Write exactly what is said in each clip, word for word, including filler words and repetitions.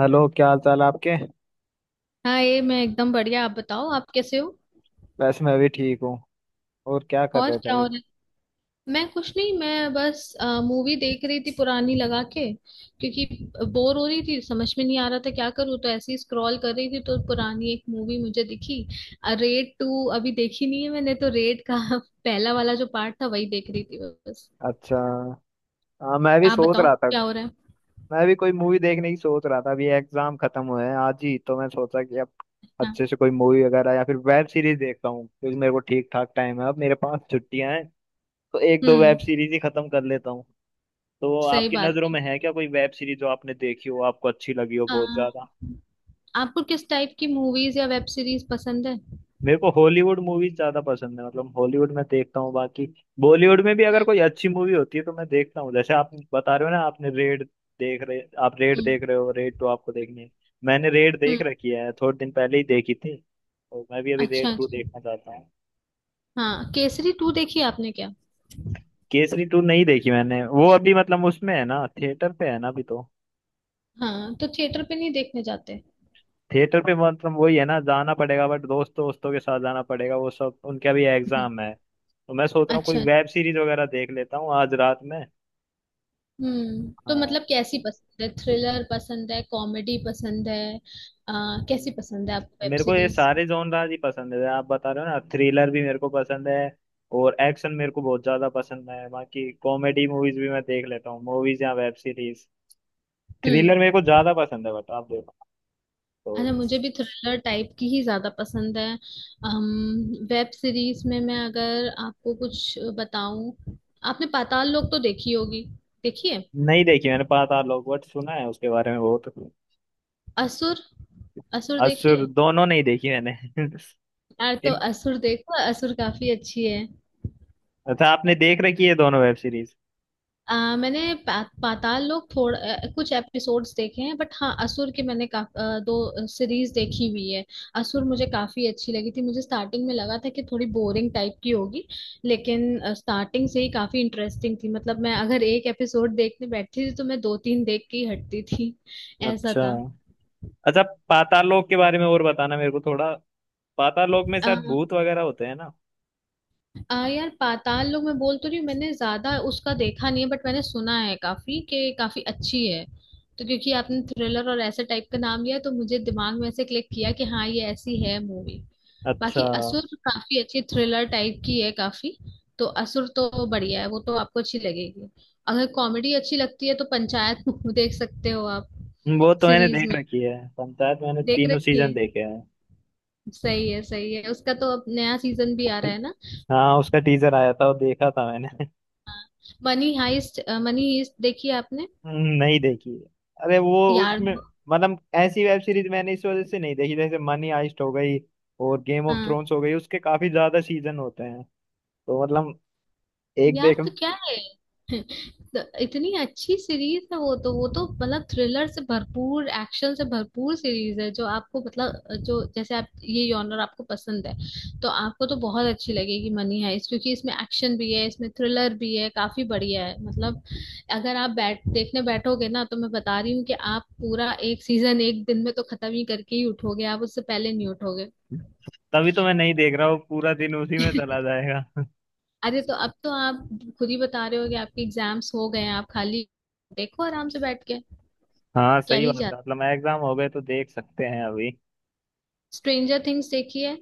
Hello, क्या हाल चाल है आपके। हाँ, ये मैं एकदम बढ़िया। आप बताओ आप कैसे हो। वैसे मैं भी ठीक हूँ। और क्या कर और रहे थे क्या हो अभी। रहा है। मैं कुछ नहीं, मैं बस मूवी देख रही थी पुरानी लगा के, क्योंकि बोर हो रही थी, समझ में नहीं आ रहा था क्या करूँ, तो ऐसे ही स्क्रॉल कर रही थी, तो पुरानी एक मूवी मुझे दिखी। रेड टू अभी देखी नहीं है मैंने, तो रेड का पहला वाला जो पार्ट था वही देख रही थी बस। अच्छा। हाँ, मैं भी आप सोच बताओ रहा था। क्या हो रहा है। मैं भी कोई मूवी देखने की सोच रहा था। अभी एग्जाम खत्म हुए हैं आज ही, तो मैं सोचा कि अब हाँ। अच्छे से कोई मूवी वगैरह या फिर वेब सीरीज देखता हूँ, क्योंकि मेरे को ठीक ठाक टाइम है, अब मेरे पास छुट्टियां हैं। तो एक दो वेब हम्म। सीरीज ही खत्म कर लेता हूँ। तो सही आपकी बात नज़रों है। में है क्या कोई वेब सीरीज, जो आपने देखी हो, आपको अच्छी लगी हो आ, बहुत ज्यादा। आपको किस टाइप की मूवीज या वेब सीरीज पसंद है। मेरे को हॉलीवुड मूवीज ज्यादा पसंद है, मतलब हॉलीवुड में देखता हूँ। बाकी बॉलीवुड में भी हम्म। अगर कोई अच्छी मूवी होती है तो मैं देखता हूँ। जैसे आप बता रहे हो ना, आपने रेड देख रहे, आप रेड हम्म। देख रहे हो, रेड टू आपको देखनी है। मैंने रेड देख हम्म। रखी है, थोड़े दिन पहले ही देखी थी। और मैं भी अभी अच्छा रेड टू अच्छा। देखना चाहता हूँ। हाँ, केसरी टू देखी आपने क्या। केसरी टू नहीं देखी मैंने। वो अभी मतलब उसमें है ना, थिएटर पे है ना अभी तो। हाँ, तो थिएटर पे नहीं देखने जाते। थिएटर पे मतलब वही है ना, जाना पड़ेगा। बट दोस्त, दोस्तों के साथ जाना पड़ेगा, वो सब उनका भी हम्म। एग्जाम है। तो मैं सोच रहा हूँ कोई अच्छा। वेब सीरीज वगैरह देख लेता हूँ आज रात में। हम्म, तो हाँ। मतलब कैसी पसंद है, थ्रिलर पसंद है, कॉमेडी पसंद है। आ, कैसी हम्म। पसंद है आपको वेब मेरे को ये सीरीज। सारे जॉनराज ही पसंद है। आप बता रहे हो ना, थ्रिलर भी मेरे को पसंद है और एक्शन मेरे को बहुत ज्यादा पसंद है। बाकी कॉमेडी मूवीज भी मैं देख लेता हूँ, मूवीज या वेब सीरीज। हम्म। थ्रिलर मेरे को ज्यादा पसंद है, बट आप देखो अच्छा, तो। मुझे भी थ्रिलर टाइप की ही ज्यादा पसंद है। अम, वेब सीरीज में मैं अगर आपको कुछ बताऊं, आपने पाताल लोक तो देखी होगी। देखिए, नहीं देखी मैंने पाताल लोक, बट सुना है उसके बारे में बहुत। असुर। असुर देखी असुर है। दोनों नहीं देखी मैंने यार, तो इन, असुर देखो, असुर काफी अच्छी है। अच्छा आपने देख रखी है दोनों वेब सीरीज। आ, मैंने पा, पाताल लोक थोड़ा अ, कुछ एपिसोड्स देखे हैं, बट हाँ असुर के मैंने का, अ, दो सीरीज देखी हुई है। असुर मुझे काफी अच्छी लगी थी। मुझे स्टार्टिंग में लगा था कि थोड़ी बोरिंग टाइप की होगी, लेकिन स्टार्टिंग से ही काफी इंटरेस्टिंग थी। मतलब मैं अगर एक एपिसोड देखने बैठती थी, तो मैं दो तीन देख के ही हटती थी, ऐसा अच्छा, था। अच्छा। पाताल लोक के बारे में और बताना मेरे को थोड़ा। पाताल लोक में शायद भूत वगैरह होते हैं ना। आ यार, पाताल लोक मैं बोल तो रही हूँ, मैंने ज्यादा उसका देखा नहीं है, बट मैंने सुना है काफी कि काफी अच्छी है। तो क्योंकि आपने थ्रिलर और ऐसे टाइप का नाम लिया, तो मुझे दिमाग में ऐसे क्लिक किया कि हाँ, ये ऐसी है मूवी। अच्छा, बाकी असुर तो काफी अच्छी थ्रिलर टाइप की है काफी। तो असुर तो बढ़िया है, वो तो आपको अच्छी लगेगी। अगर कॉमेडी अच्छी लगती है तो पंचायत देख सकते हो आप। वो तो मैंने सीरीज देख में रखी है पंचायत। मैंने देख तीनों रखी है। सीजन देखे हैं। सही है, सही है। उसका तो अब नया सीजन भी आ रहा है ना। हाँ, उसका टीजर आया था, वो देखा था मैंने। Money heist. मनी हाइस्ट देखी है आपने। हम्म, नहीं देखी। अरे वो यार। उसमें, मतलब ऐसी वेब सीरीज मैंने इस वजह से नहीं देखी। जैसे मनी हाइस्ट हो गई और गेम ऑफ हाँ। थ्रोन्स हो गई, उसके काफी ज्यादा सीजन होते हैं। तो मतलब एक यार, देख, तो क्या है। तो इतनी अच्छी सीरीज है वो, तो वो तो मतलब थ्रिलर से भरपूर, एक्शन से भरपूर सीरीज है, जो आपको मतलब जो जैसे आप, ये जॉनर आपको पसंद है, तो आपको तो बहुत अच्छी लगेगी मनी हाइस्ट, क्योंकि इसमें एक्शन भी है, इसमें थ्रिलर भी है, काफी बढ़िया है मतलब। अगर आप बैठ देखने बैठोगे ना, तो मैं बता रही हूँ कि आप पूरा एक सीजन एक दिन में तो खत्म ही करके ही उठोगे, आप उससे पहले नहीं उठोगे। तभी तो मैं नहीं देख रहा हूँ, पूरा दिन उसी में चला जाएगा अरे, तो अब तो आप खुद ही बता रहे हो कि आपके एग्जाम्स हो गए हैं, आप खाली। देखो आराम से बैठ के। हाँ, क्या सही ही बात है, जाता। मतलब एग्जाम हो गए तो देख सकते हैं अभी। स्ट्रेंजर थिंग्स देखी है।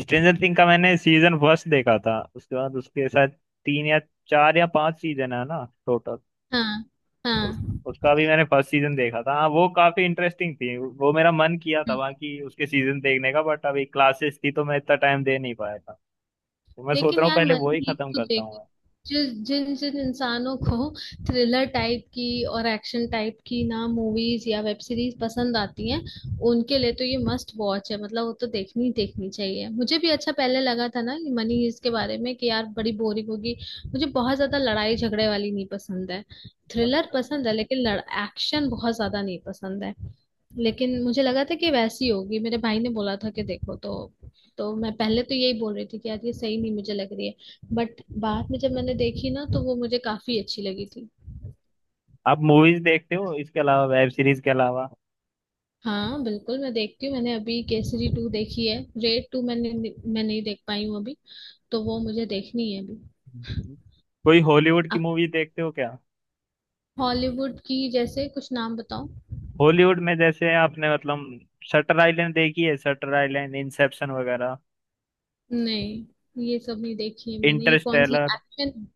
स्ट्रेंजर थिंग का मैंने सीजन फर्स्ट देखा था। उसके बाद उसके साथ तीन या चार या पांच सीजन है ना टोटल। हाँ, हाँ। उस, हम्म। उसका भी मैंने फर्स्ट सीजन देखा था। हाँ, वो काफी इंटरेस्टिंग थी। वो मेरा मन किया था बाकी उसके सीजन देखने का, बट अभी क्लासेस थी तो मैं इतना टाइम दे नहीं पाया था। तो मैं सोच लेकिन रहा हूँ यार पहले वो ही मनी हाइस्ट खत्म तो करता हूँ मैं। जिस जिन जिन इंसानों को थ्रिलर टाइप की और एक्शन टाइप की ना मूवीज या वेब सीरीज पसंद आती हैं, उनके लिए तो ये मस्ट वॉच है। मतलब वो तो देखनी ही देखनी चाहिए। मुझे भी अच्छा पहले लगा था ना ये मनी हीस्ट के बारे में कि यार बड़ी बोरिंग होगी। मुझे बहुत ज्यादा लड़ाई झगड़े वाली नहीं पसंद है। थ्रिलर अच्छा, पसंद है, लेकिन लड़ एक्शन बहुत ज्यादा नहीं पसंद है। लेकिन मुझे लगा था कि वैसी होगी, मेरे भाई ने बोला था कि देखो तो। तो मैं पहले तो यही बोल रही थी कि यार ये सही नहीं मुझे लग रही है, बट बाद में जब मैंने देखी ना तो वो मुझे काफी अच्छी लगी थी। आप मूवीज देखते हो इसके अलावा, वेब सीरीज के अलावा हाँ बिल्कुल मैं देखती हूँ। मैंने अभी केसरी टू देखी है। रेड टू मैंने मैं नहीं देख पाई हूँ अभी, तो वो मुझे देखनी है अभी। कोई हॉलीवुड की आप मूवी देखते हो क्या। हॉलीवुड की जैसे कुछ नाम बताओ। हॉलीवुड में जैसे आपने मतलब शटर आइलैंड देखी है, शटर आइलैंड, इंसेप्शन वगैरह, नहीं, ये सब नहीं देखी है मैंने, ये कौन सी इंटरस्टेलर। एक्शन।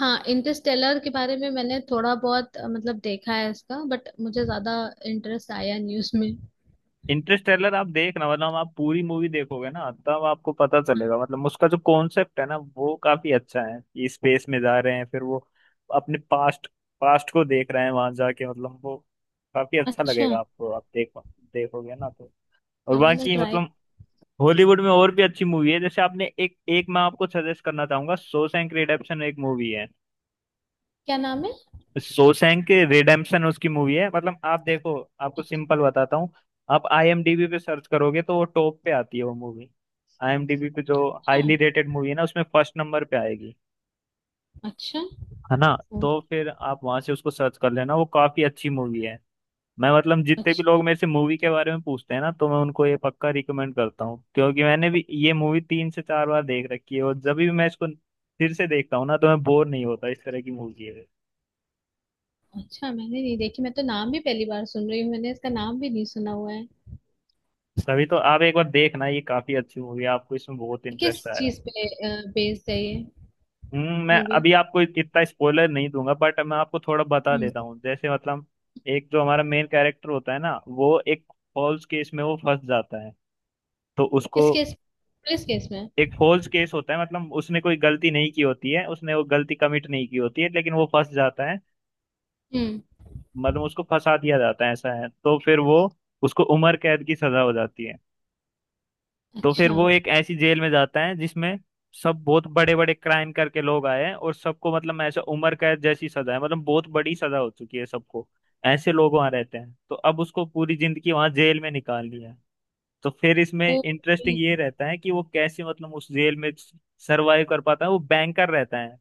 हाँ, इंटरस्टेलर के बारे में मैंने थोड़ा बहुत अ, मतलब देखा है इसका, बट मुझे ज्यादा इंटरेस्ट आया नहीं उसमें। इंटरस्टेलर आप देखना, मतलब आप पूरी मूवी देखोगे ना, तब आपको पता चलेगा, मतलब उसका जो कॉन्सेप्ट है ना, वो काफी अच्छा है। कि स्पेस में जा रहे हैं, फिर वो अपने पास्ट पास्ट को देख रहे हैं वहां जाके, मतलब वो काफी अच्छा अच्छा, लगेगा आपको, आप देख, देखोगे ना तो। और चलो मैं बाकी ट्राई। मतलब हॉलीवुड में और भी अच्छी मूवी है। जैसे आपने, एक एक, मैं आपको सजेस्ट करना चाहूंगा, शॉशैंक रिडेम्पशन एक मूवी है। क्या नाम है। शोशैंक रिडेम्पशन उसकी मूवी है। मतलब आप देखो, आपको सिंपल बताता हूँ, आप आईएमडीबी पे सर्च करोगे तो वो टॉप पे आती है वो मूवी। आईएमडीबी पे जो अच्छा। हाईली रेटेड मूवी है ना, उसमें फर्स्ट नंबर पे आएगी, अच्छा। है ना। तो ओ। फिर आप वहां से उसको सर्च कर लेना, वो काफी अच्छी मूवी है। मैं मतलब जितने भी अच्छा। लोग मेरे से मूवी के बारे में पूछते हैं ना, तो मैं उनको ये पक्का रिकमेंड करता हूँ, क्योंकि मैंने भी ये मूवी तीन से चार बार देख रखी है। और जब भी मैं इसको फिर से देखता हूँ ना, तो मैं बोर नहीं होता, इस तरह की मूवी है। अच्छा, मैंने नहीं देखी। मैं तो नाम भी पहली बार सुन रही हूँ, मैंने इसका नाम भी नहीं सुना हुआ है। तभी तो आप एक बार देखना, ये काफी अच्छी मूवी है, आपको इसमें बहुत किस इंटरेस्ट आएगा। चीज पे बेस्ड है ये हम्म, मैं मूवी। अभी आपको इतना स्पॉइलर नहीं दूंगा, बट मैं आपको थोड़ा बता हम्म। देता हूँ। जैसे मतलब, एक जो हमारा मेन कैरेक्टर होता है ना, वो एक फॉल्स केस में वो फंस जाता है। तो उसको, किस केस, पुलिस केस में। एक फॉल्स केस होता है, मतलब उसने कोई गलती नहीं की होती है, उसने वो गलती कमिट नहीं की होती है, लेकिन वो फंस जाता है। हम्म। मतलब उसको फंसा दिया जाता है, ऐसा है। तो फिर वो, उसको उम्र कैद की सजा हो जाती है। तो फिर अच्छा, वो एक ऐसी जेल में जाता है जिसमें सब बहुत बड़े बड़े क्राइम करके लोग आए हैं। और सबको मतलब ऐसे उम्र कैद जैसी सजा है, मतलब बहुत बड़ी सजा हो चुकी है सबको, ऐसे लोग वहां रहते हैं। तो अब उसको पूरी जिंदगी वहां जेल में निकालनी है। तो फिर इसमें वो इंटरेस्टिंग ये अच्छा। रहता है कि वो कैसे मतलब उस जेल में सरवाइव कर पाता है। वो बैंकर रहता है,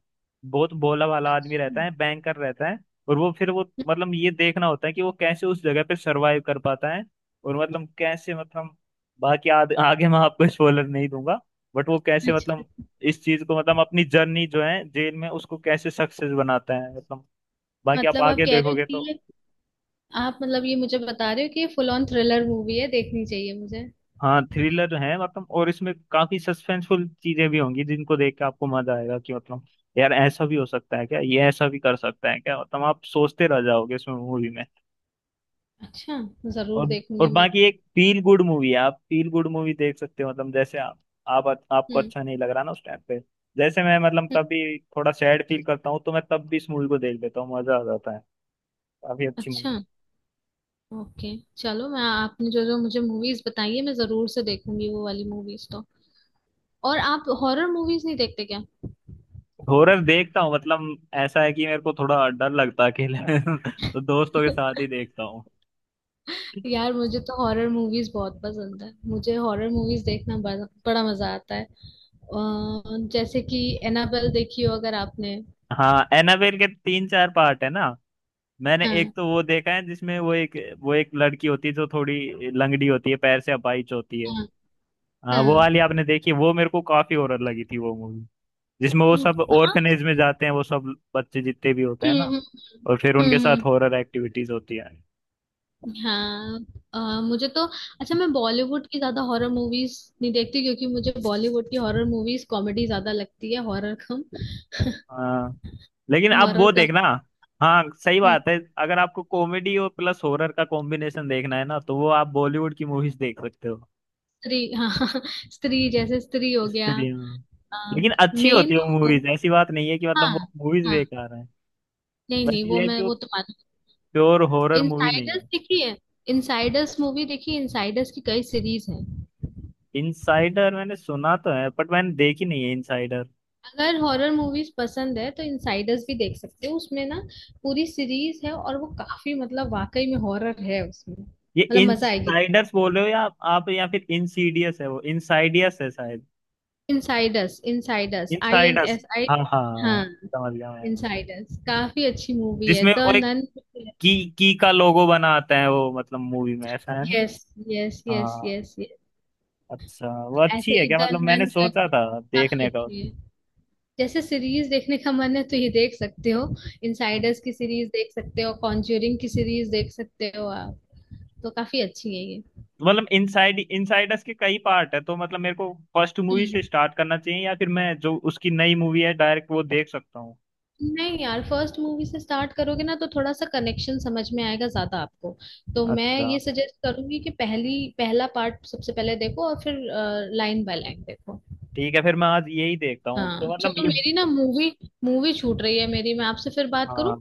बहुत भोला भाला आदमी रहता हम्म। है, बैंकर रहता है। और वो फिर वो मतलब ये देखना होता है कि वो कैसे उस जगह पे सरवाइव कर पाता है। और मतलब कैसे मतलब, बाकी आद, आगे मैं आपको स्पॉइलर नहीं दूंगा। बट वो कैसे मतलब अच्छा, इस चीज को, मतलब अपनी जर्नी जो है जेल में, उसको कैसे सक्सेस बनाता है, मतलब बाकी आप मतलब आप आगे कह रहे हो देखोगे कि तो। ये आप मतलब, ये मुझे बता रहे हो कि ये फुल ऑन थ्रिलर मूवी है, देखनी चाहिए मुझे। हाँ थ्रिलर है, मतलब और इसमें काफी सस्पेंसफुल चीजें भी होंगी जिनको देख के आपको मजा आएगा। कि मतलब, यार ऐसा भी हो सकता है क्या, ये ऐसा भी कर सकता है क्या, मतलब आप सोचते रह जाओगे इसमें, मूवी में। अच्छा, जरूर और और देखूंगी मैं। बाकी, एक फील गुड मूवी है, आप फील गुड मूवी देख सकते हो, मतलब जैसे आप, आप, आपको हम्म। अच्छा नहीं लग रहा ना उस टाइम पे, जैसे मैं मतलब हम्म। कभी थोड़ा सैड फील करता हूँ तो मैं तब भी इस मूवी को देख लेता हूँ, मजा आ जाता है, काफी अच्छी अच्छा। मूवी। ओके चलो, मैं आपने जो जो मुझे मूवीज बताई है मैं जरूर से देखूंगी वो वाली मूवीज तो। और आप हॉरर मूवीज नहीं देखते क्या। हॉरर देखता हूँ मतलब, ऐसा है कि मेरे को थोड़ा डर लगता है अकेले तो दोस्तों के साथ ही देखता हूँ। यार, मुझे तो हॉरर मूवीज बहुत पसंद है, मुझे हॉरर मूवीज देखना बड़ा, बड़ा मजा आता है। अ, जैसे कि एनाबेल देखी हो अगर आपने। हाँ, एनाबेल के तीन चार पार्ट है ना। मैंने हाँ, एक तो वो देखा है जिसमें वो एक, वो एक लड़की होती है जो थोड़ी लंगड़ी होती है, पैर से अपाहिज होती है। हाँ। हाँ, वो वाली हाँ। आपने देखी, वो मेरे को काफी हॉरर लगी थी वो मूवी। जिसमें वो हम्म, सब हाँ। ऑर्फनेज में जाते हैं, वो सब बच्चे जितने भी होते हैं हम्म, ना, हम्म। और फिर हम्म, उनके साथ हम्म। हॉरर एक्टिविटीज होती है। हाँ। अ, मुझे तो अच्छा, मैं बॉलीवुड की ज्यादा हॉरर मूवीज नहीं देखती, क्योंकि मुझे बॉलीवुड की हॉरर मूवीज कॉमेडी ज्यादा लगती है, हॉरर कम। हाँ, लेकिन अब हॉरर वो कम। देखना। हाँ सही हम्म। बात है, अगर आपको कॉमेडी और प्लस हॉरर का कॉम्बिनेशन देखना है ना, तो वो आप बॉलीवुड की मूवीज देख सकते हो। स्त्री, हाँ हाँ, स्त्री जैसे, स्त्री हो गया। स्त्रियां, लेकिन अच्छी मेन होती है तो वो horror-। मूवीज, ऐसी बात नहीं है कि मतलब हाँ। वो मूवीज हाँ। बेकार हैं। नहीं बस नहीं, वो ये है मैं कि वो वो तो मानू। प्योर हॉरर मूवी नहीं इनसाइडर्स है। देखी है, इनसाइडर्स मूवी देखी, इनसाइडर्स की कई सीरीज है। इनसाइडर मैंने सुना तो है, बट मैंने देखी नहीं है इनसाइडर। अगर हॉरर मूवीज पसंद है तो इनसाइडर्स भी देख सकते हो उसमें ना। पूरी सीरीज है और वो काफी मतलब वाकई में हॉरर है, उसमें ये मतलब मजा आएगी। इनसाइडर्स बोल रहे हो या आप, आप या फिर इनसीडियस है, वो इनसाइडियस है शायद। Insiders, Insiders, I N Insiders, S I हाँ हाँ। हाँ, समझ गया मैं। इनसाइडर्स काफी अच्छी मूवी है, जिसमें द वो एक, नन। की की का लोगो बनाते हैं, वो मतलब मूवी में ऐसा है ना। यस, यस यस हाँ, यस यस। अच्छा वो अच्छी ऐसे है ही क्या, द मतलब मैंने नन सोचा करके था काफी देखने का। अच्छी है। जैसे सीरीज देखने का मन है तो ये देख सकते हो। इनसाइडर्स की सीरीज देख सकते हो, कॉन्ज्यूरिंग की सीरीज देख सकते हो आप, तो काफी अच्छी है ये। मतलब इनसाइड, इनसाइडर्स के कई पार्ट है, तो मतलब मेरे को फर्स्ट मूवी से हम्म। स्टार्ट करना चाहिए या फिर मैं जो उसकी नई मूवी है डायरेक्ट वो देख सकता हूँ। नहीं यार, फर्स्ट मूवी से स्टार्ट करोगे ना तो थोड़ा सा कनेक्शन समझ में आएगा ज्यादा आपको। तो मैं अच्छा ये सजेस्ट करूंगी कि पहली पहला पार्ट सबसे पहले देखो और फिर लाइन बाय लाइन देखो। ठीक है, फिर मैं आज यही देखता हूँ तो, हाँ मतलब चलो, ये। मेरी ना मूवी मूवी छूट रही है मेरी, मैं आपसे फिर बात करूं। हाँ,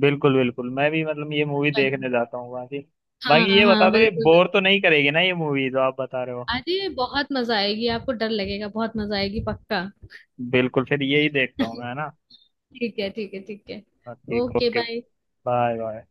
बिल्कुल बिल्कुल, मैं भी मतलब ये मूवी चलो। देखने जाता हूँ, बाकी। हाँ बाकी ये बता हाँ दो, ये बिल्कुल बोर तो बिल्कुल। नहीं करेगी ना ये मूवी जो आप बता रहे हो। अरे बहुत मजा आएगी आपको, डर लगेगा, बहुत मजा आएगी पक्का। बिल्कुल, फिर यही देखता हूँ मैं, है ना। ठीक है ठीक है ठीक है। हाँ, ठीक, okay, okay. Bye. Bye bye.